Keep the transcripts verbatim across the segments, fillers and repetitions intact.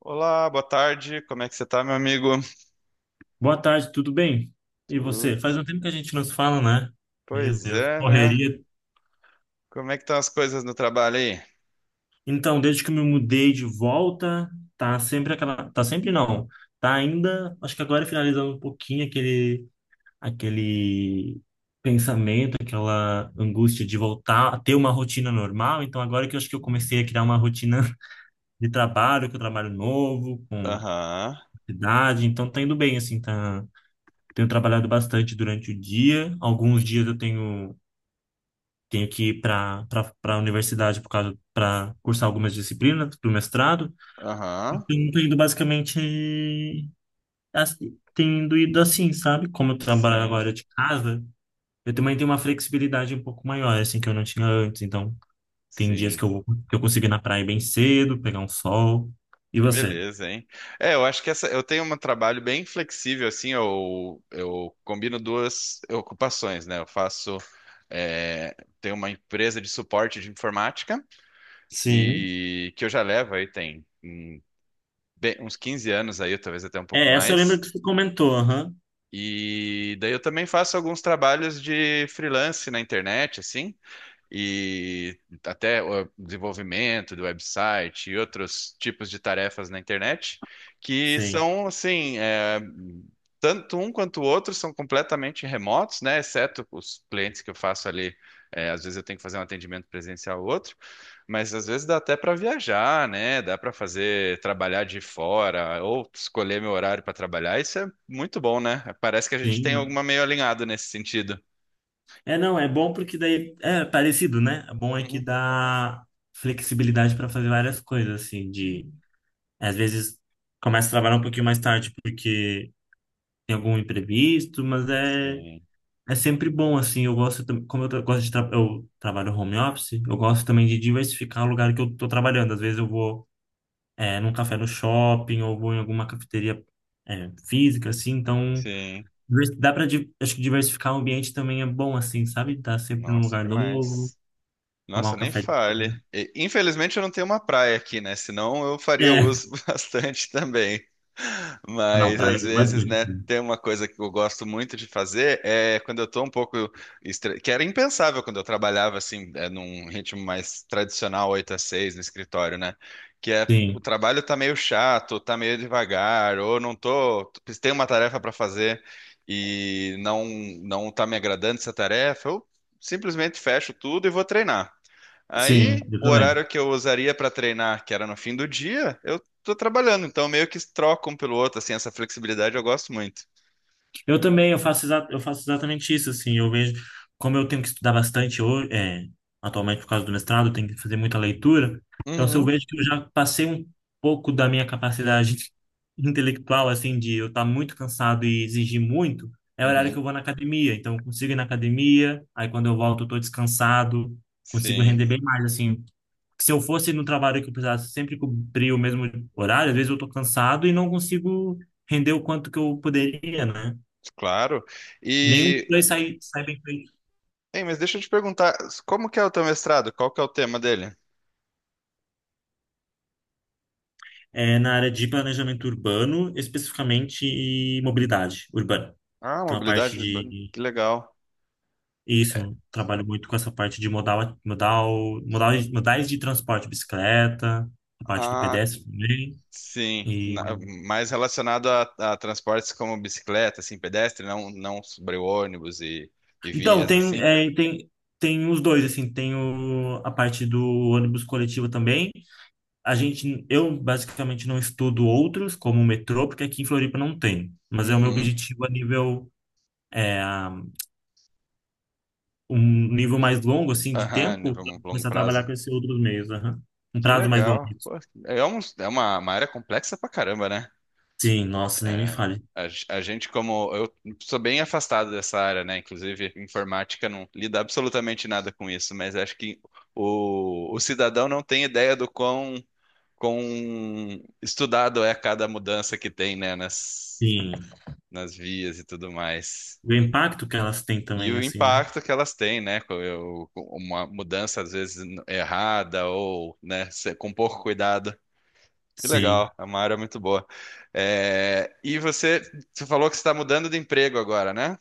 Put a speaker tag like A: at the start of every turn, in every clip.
A: Olá, boa tarde. Como é que você tá, meu amigo?
B: Boa tarde, tudo bem? E
A: Tudo.
B: você? Faz um tempo que a gente não se fala, né? Meu
A: Pois
B: Deus,
A: é, né?
B: correria.
A: Como é que estão as coisas no trabalho aí?
B: Então, desde que eu me mudei de volta, tá sempre aquela, tá sempre não. Tá ainda, acho que agora finalizando um pouquinho aquele aquele pensamento, aquela angústia de voltar a ter uma rotina normal. Então, agora que eu acho que eu comecei a criar uma rotina de trabalho, com trabalho novo, com
A: Aham,
B: cidade, então tá indo bem assim, tá. Tenho trabalhado bastante durante o dia. Alguns dias eu tenho tenho que ir para a universidade por causa para cursar algumas disciplinas do mestrado.
A: aham.
B: Então, eu tô indo basicamente assim, tendo ido assim, sabe? Como eu trabalho
A: Sim,
B: agora de casa, eu também tenho uma flexibilidade um pouco maior, assim, que eu não tinha antes. Então, tem dias que
A: sim.
B: eu vou, que eu consigo ir na praia bem cedo, pegar um sol. E
A: Que
B: você?
A: beleza, hein? É, eu acho que essa, eu tenho um trabalho bem flexível, assim, eu, eu combino duas ocupações, né? Eu faço, é, tenho uma empresa de suporte de informática
B: Sim.
A: e que eu já levo aí tem hum, bem- uns quinze anos aí, talvez até um pouco
B: É, essa eu lembro
A: mais.
B: que você comentou, aham.
A: E daí eu também faço alguns trabalhos de freelance na internet, assim e até o desenvolvimento do website e outros tipos de tarefas na internet, que
B: Sim.
A: são assim, é, tanto um quanto o outro são completamente remotos, né? Exceto os clientes que eu faço ali. É, às vezes eu tenho que fazer um atendimento presencial ou outro, mas às vezes dá até para viajar, né? Dá para fazer trabalhar de fora ou escolher meu horário para trabalhar. Isso é muito bom, né? Parece que a gente tem
B: Sim.
A: alguma meio alinhado nesse sentido.
B: É, não, é bom porque daí é parecido, né? É bom é que
A: Uhum.
B: dá flexibilidade para fazer várias coisas, assim, de às vezes começa a trabalhar um pouquinho mais tarde porque tem algum imprevisto, mas é
A: Sim,
B: é sempre bom, assim. Eu gosto, tam- como eu tra- gosto de tra eu trabalho home office, eu gosto também de diversificar o lugar que eu tô trabalhando. Às vezes eu vou é, num café no shopping ou vou em alguma cafeteria é, física, assim. Então
A: sim.
B: divers- dá para acho que diversificar o ambiente também é bom, assim, sabe? Tá sempre num
A: Nossa,
B: lugar novo.
A: demais.
B: Tomar um
A: Nossa, nem
B: café de
A: fale.
B: manhã.
A: E, infelizmente eu não tenho uma praia aqui, né? Senão eu faria
B: É.
A: uso bastante também.
B: Ah, não,
A: Mas
B: praia
A: às
B: eu gosto
A: vezes,
B: bastante,
A: né,
B: assim.
A: tem uma coisa que eu gosto muito de fazer é quando eu tô um pouco estre... que era impensável quando eu trabalhava assim, é, num ritmo mais tradicional, oito a seis no escritório, né? Que é o
B: Sim,
A: trabalho tá meio chato, tá meio devagar, ou não tô, tem uma tarefa para fazer e não não tá me agradando essa tarefa, eu simplesmente fecho tudo e vou treinar.
B: sim,
A: Aí,
B: eu
A: o
B: também.
A: horário que eu usaria para treinar, que era no fim do dia, eu tô trabalhando, então meio que troca um pelo outro, assim, essa flexibilidade eu gosto muito.
B: Eu também, eu faço, exa- eu faço exatamente isso, assim. Eu vejo, como eu tenho que estudar bastante hoje, é, atualmente por causa do mestrado, eu tenho que fazer muita leitura. Então, se eu
A: Uhum,
B: vejo que eu já passei um pouco da minha capacidade intelectual, assim, de eu estar muito cansado e exigir muito, é o horário que
A: uhum,
B: eu vou na academia. Então, eu consigo ir na academia, aí quando eu volto, eu estou descansado, consigo
A: sim,
B: render bem mais, assim, se eu fosse no trabalho que eu precisasse sempre cumprir o mesmo horário, às vezes eu tô cansado e não consigo render o quanto que eu poderia, né?
A: claro.
B: Nenhum dos
A: E,
B: dois sai, sai bem feito.
A: hein, mas deixa eu te perguntar, como que é o teu mestrado? Qual que é o tema dele?
B: É, na área de planejamento urbano, especificamente e mobilidade urbana.
A: Ah,
B: Então, a parte
A: mobilidade, urbana,
B: de...
A: que legal.
B: Isso, eu trabalho muito com essa parte de modal, modal, modal, modais de transporte, bicicleta, a parte do
A: Ah,
B: pedestre também.
A: sim, na-
B: E...
A: mais relacionado a, a transportes como bicicleta, assim, pedestre, não, não sobre ônibus e, e
B: Então,
A: vias,
B: tem,
A: assim.
B: é, tem, tem os dois, assim, tem o, a parte do ônibus coletivo também. A gente, eu basicamente não estudo outros, como o metrô, porque aqui em Floripa não tem. Mas é o meu
A: Uhum,
B: objetivo a nível, é, um nível mais longo, assim, de
A: aham,
B: tempo,
A: nível
B: pra
A: longo
B: começar a
A: prazo.
B: trabalhar com esses outros meios, aham. Um
A: Que
B: prazo mais longo.
A: legal. Pô, é, um- é uma, uma área complexa pra caramba, né?
B: Sim, nossa, nem me
A: É,
B: fale.
A: a, g- a gente, como eu sou bem afastado dessa área, né? Inclusive, informática não lida absolutamente nada com isso, mas acho que o, o cidadão não tem ideia do quão, quão, estudado é cada mudança que tem, né? Nas,
B: Sim.
A: nas vias e tudo mais.
B: O impacto que elas têm
A: E
B: também,
A: o
B: assim, né?
A: impacto que elas têm, né? com- eu- com uma mudança, às vezes, errada ou, né, se- com pouco cuidado. Que
B: Sim.
A: legal, é uma área muito boa. É, e você, você falou que você está mudando de emprego agora, né?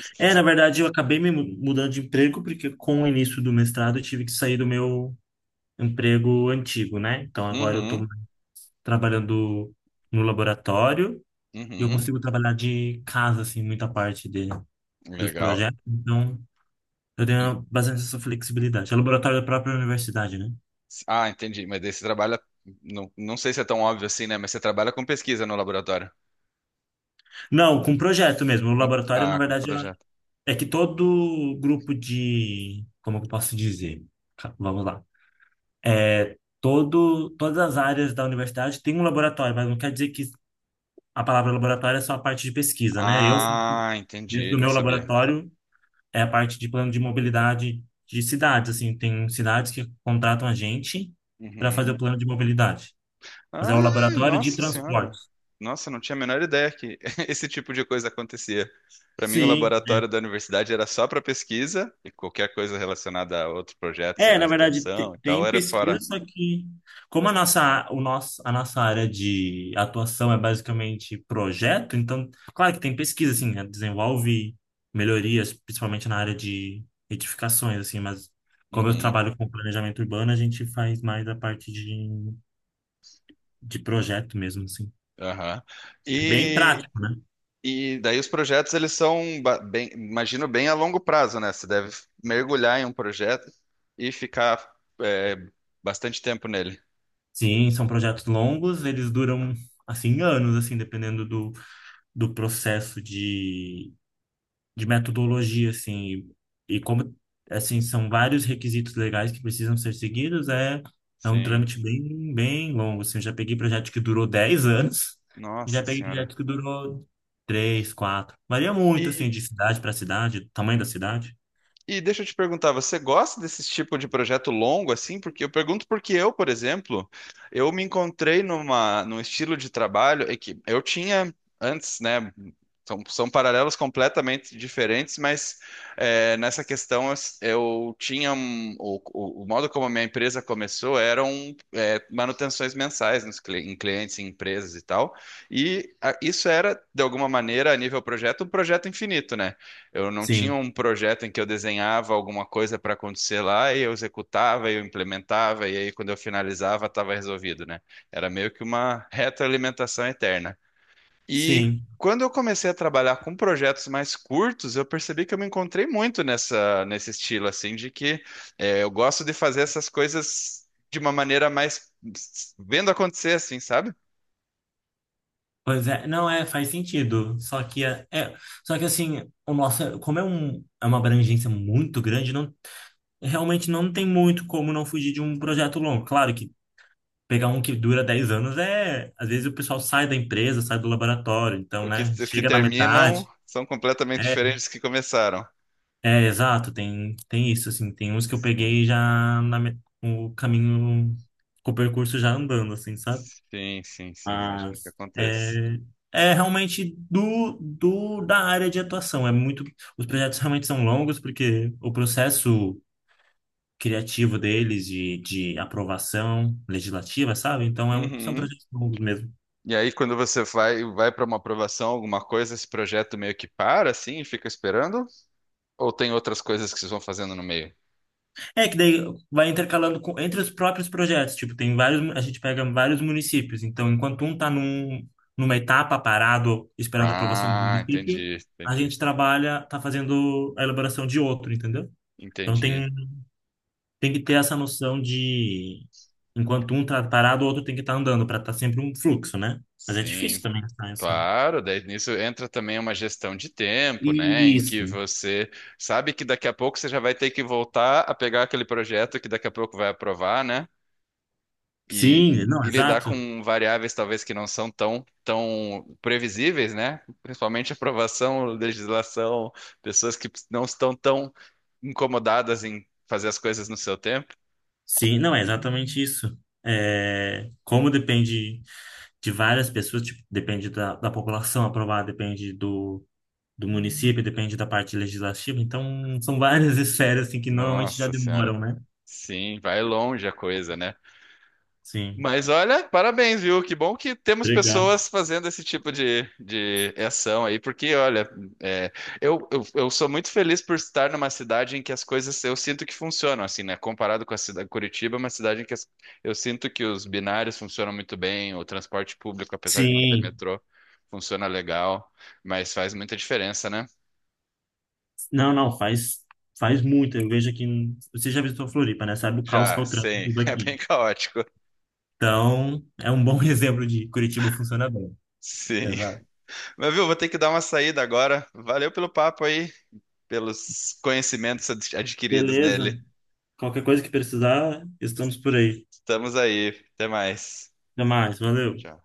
A: Você-
B: É, na
A: você-
B: verdade, eu acabei me mu- mudando de emprego porque com o início do mestrado eu tive que sair do meu emprego antigo, né? Então agora eu tô
A: uhum,
B: trabalhando no laboratório. E eu
A: uhum,
B: consigo trabalhar de casa, assim, muita parte de, dos
A: legal.
B: projetos. Então, eu
A: E-
B: tenho bastante essa flexibilidade. É laboratório da própria universidade, né?
A: ah, entendi. Mas daí você trabalha, não, não sei se é tão óbvio assim, né? Mas você trabalha com pesquisa no laboratório,
B: Não, com projeto mesmo. O
A: com,
B: laboratório, na
A: ah, com
B: verdade, é
A: projeto.
B: é que todo grupo de... Como eu posso dizer? Ca- Vamos lá. É, todo, todas as áreas da universidade tem um laboratório, mas não quer dizer que a palavra laboratório é só a parte de pesquisa, né? Eu faço
A: Ah,
B: dentro
A: entendi,
B: do
A: não
B: meu
A: sabia.
B: laboratório é a parte de plano de mobilidade de cidades, assim, tem cidades que contratam a gente para fazer o
A: Uhum.
B: plano de mobilidade. Mas é
A: Ah,
B: o laboratório de
A: nossa senhora.
B: transportes.
A: Nossa, não tinha a menor ideia que esse tipo de coisa acontecia. Para mim, o
B: Sim.
A: laboratório da universidade era só para pesquisa e qualquer coisa relacionada a outro projeto,
B: É,
A: seja
B: na verdade,
A: extensão
B: te-
A: e tal,
B: tem
A: era
B: pesquisa,
A: fora.
B: só que como a nossa, o nosso, a nossa área de atuação é basicamente projeto, então, claro que tem pesquisa, assim, né? Desenvolve melhorias, principalmente na área de edificações, assim, mas como eu
A: Uhum,
B: trabalho com planejamento urbano, a gente faz mais a parte de, de projeto mesmo, assim.
A: aham.
B: Bem
A: E,
B: prático, né?
A: e daí os projetos, eles são, ba- bem, imagino, bem a longo prazo, né? Você deve mergulhar em um projeto e ficar, é, bastante tempo nele.
B: Sim, são projetos longos, eles duram, assim, anos, assim, dependendo do, do processo de, de metodologia, assim. E, e como, assim, são vários requisitos legais que precisam ser seguidos, é, é um
A: Sim.
B: trâmite bem, bem longo, assim. Eu já peguei projeto que durou dez anos e já
A: Nossa
B: peguei
A: senhora.
B: projeto que durou três, quatro. Varia muito, assim, de cidade para cidade, tamanho da cidade.
A: E deixa eu te perguntar, você gosta desse tipo de projeto longo assim? Porque eu pergunto porque eu, por exemplo, eu me encontrei numa, num estilo de trabalho é que eu tinha antes, né? São, são paralelos completamente diferentes, mas é, nessa questão eu, eu tinha um- o, o- o modo como a minha empresa começou eram é, manutenções mensais nos, cli- em clientes, em empresas e tal. E a- isso era, de alguma maneira, a nível projeto, um projeto infinito, né? Eu não tinha
B: Sim,
A: um projeto em que eu desenhava alguma coisa para acontecer lá e eu executava e eu implementava e aí quando eu finalizava estava resolvido, né? Era meio que uma retroalimentação eterna. E
B: sim.
A: quando eu comecei a trabalhar com projetos mais curtos, eu percebi que eu me encontrei muito nessa nesse estilo assim de que eh, eu gosto de fazer essas coisas de uma maneira mais vendo acontecer assim, sabe?
B: Pois é, não é, faz sentido. Só que é, é- só que assim, o nosso, como é um, é uma abrangência muito grande, não, realmente não tem muito como não fugir de um projeto longo. Claro que pegar um que dura dez anos é, às vezes o pessoal sai da empresa, sai do laboratório, então,
A: O que,
B: né,
A: os que
B: chega na
A: terminam
B: metade.
A: são completamente
B: É,
A: diferentes dos que começaram.
B: é exato, tem tem isso assim, tem uns que eu peguei já na me- o caminho, com o percurso já andando assim, sabe?
A: Sim, sim, sim, imagino que
B: Mas
A: aconteça.
B: é, é realmente do, do da área de atuação. É muito, os projetos realmente são longos porque o processo criativo deles de, de aprovação legislativa, sabe? Então é um- são
A: Uhum.
B: projetos longos mesmo.
A: E aí, quando você vai, vai para uma aprovação, alguma coisa, esse projeto meio que para, assim, e fica esperando? Ou tem outras coisas que vocês vão fazendo no meio?
B: É que daí vai intercalando com- entre os próprios projetos. Tipo, tem vários, mu- a gente pega vários municípios. Então, enquanto um está num, numa etapa parado esperando a aprovação do
A: Ah,
B: município,
A: entendi,
B: a
A: entendi,
B: gente trabalha, está fazendo a elaboração de outro, entendeu? Então tem
A: entendi.
B: tem que ter essa noção de enquanto um tá parado, o outro tem que estar andando para estar sempre um fluxo, né? Mas é
A: Sim,
B: difícil também tá, essa.
A: claro. Daí nisso entra também uma gestão de tempo, né? Em que
B: Isso.
A: você sabe que daqui a pouco você já vai ter que voltar a pegar aquele projeto que daqui a pouco vai aprovar, né? e,
B: Sim, não,
A: e lidar
B: exato.
A: com variáveis talvez que não são tão, tão previsíveis, né? Principalmente aprovação, legislação, pessoas que não estão tão incomodadas em fazer as coisas no seu tempo.
B: Sim, não, é exatamente isso. É, como depende de várias pessoas, tipo, depende da, da população aprovada depende do, do município, depende da parte legislativa. Então, são várias esferas assim, que normalmente já
A: Nossa Senhora.
B: demoram, né?
A: Sim, vai longe a coisa, né?
B: Sim.
A: Mas olha, parabéns, viu? Que bom que temos
B: Obrigado.
A: pessoas fazendo esse tipo de, de ação aí, porque olha, é, eu, eu, eu sou muito feliz por estar numa cidade em que as coisas eu sinto que funcionam, assim, né? Comparado com a cidade Curitiba, é uma cidade em que as- eu sinto que os binários funcionam muito bem, o transporte público, apesar de não ter
B: Sim,
A: metrô, funciona legal, mas faz muita diferença, né?
B: não, não, faz, faz muito. Eu vejo aqui. em- Você já visitou Floripa, né? Sabe o caos que é
A: Já,
B: o
A: sim,
B: trânsito
A: é bem
B: daqui.
A: caótico.
B: Então, é um bom exemplo de Curitiba funciona bem.
A: Sim.
B: Exato.
A: Mas viu, vou ter que dar uma saída agora. Valeu pelo papo aí. Pelos conhecimentos adquiridos
B: Beleza.
A: nele.
B: Qualquer coisa que precisar, estamos por aí.
A: Estamos aí. Até mais.
B: Até mais. Valeu.
A: Tchau.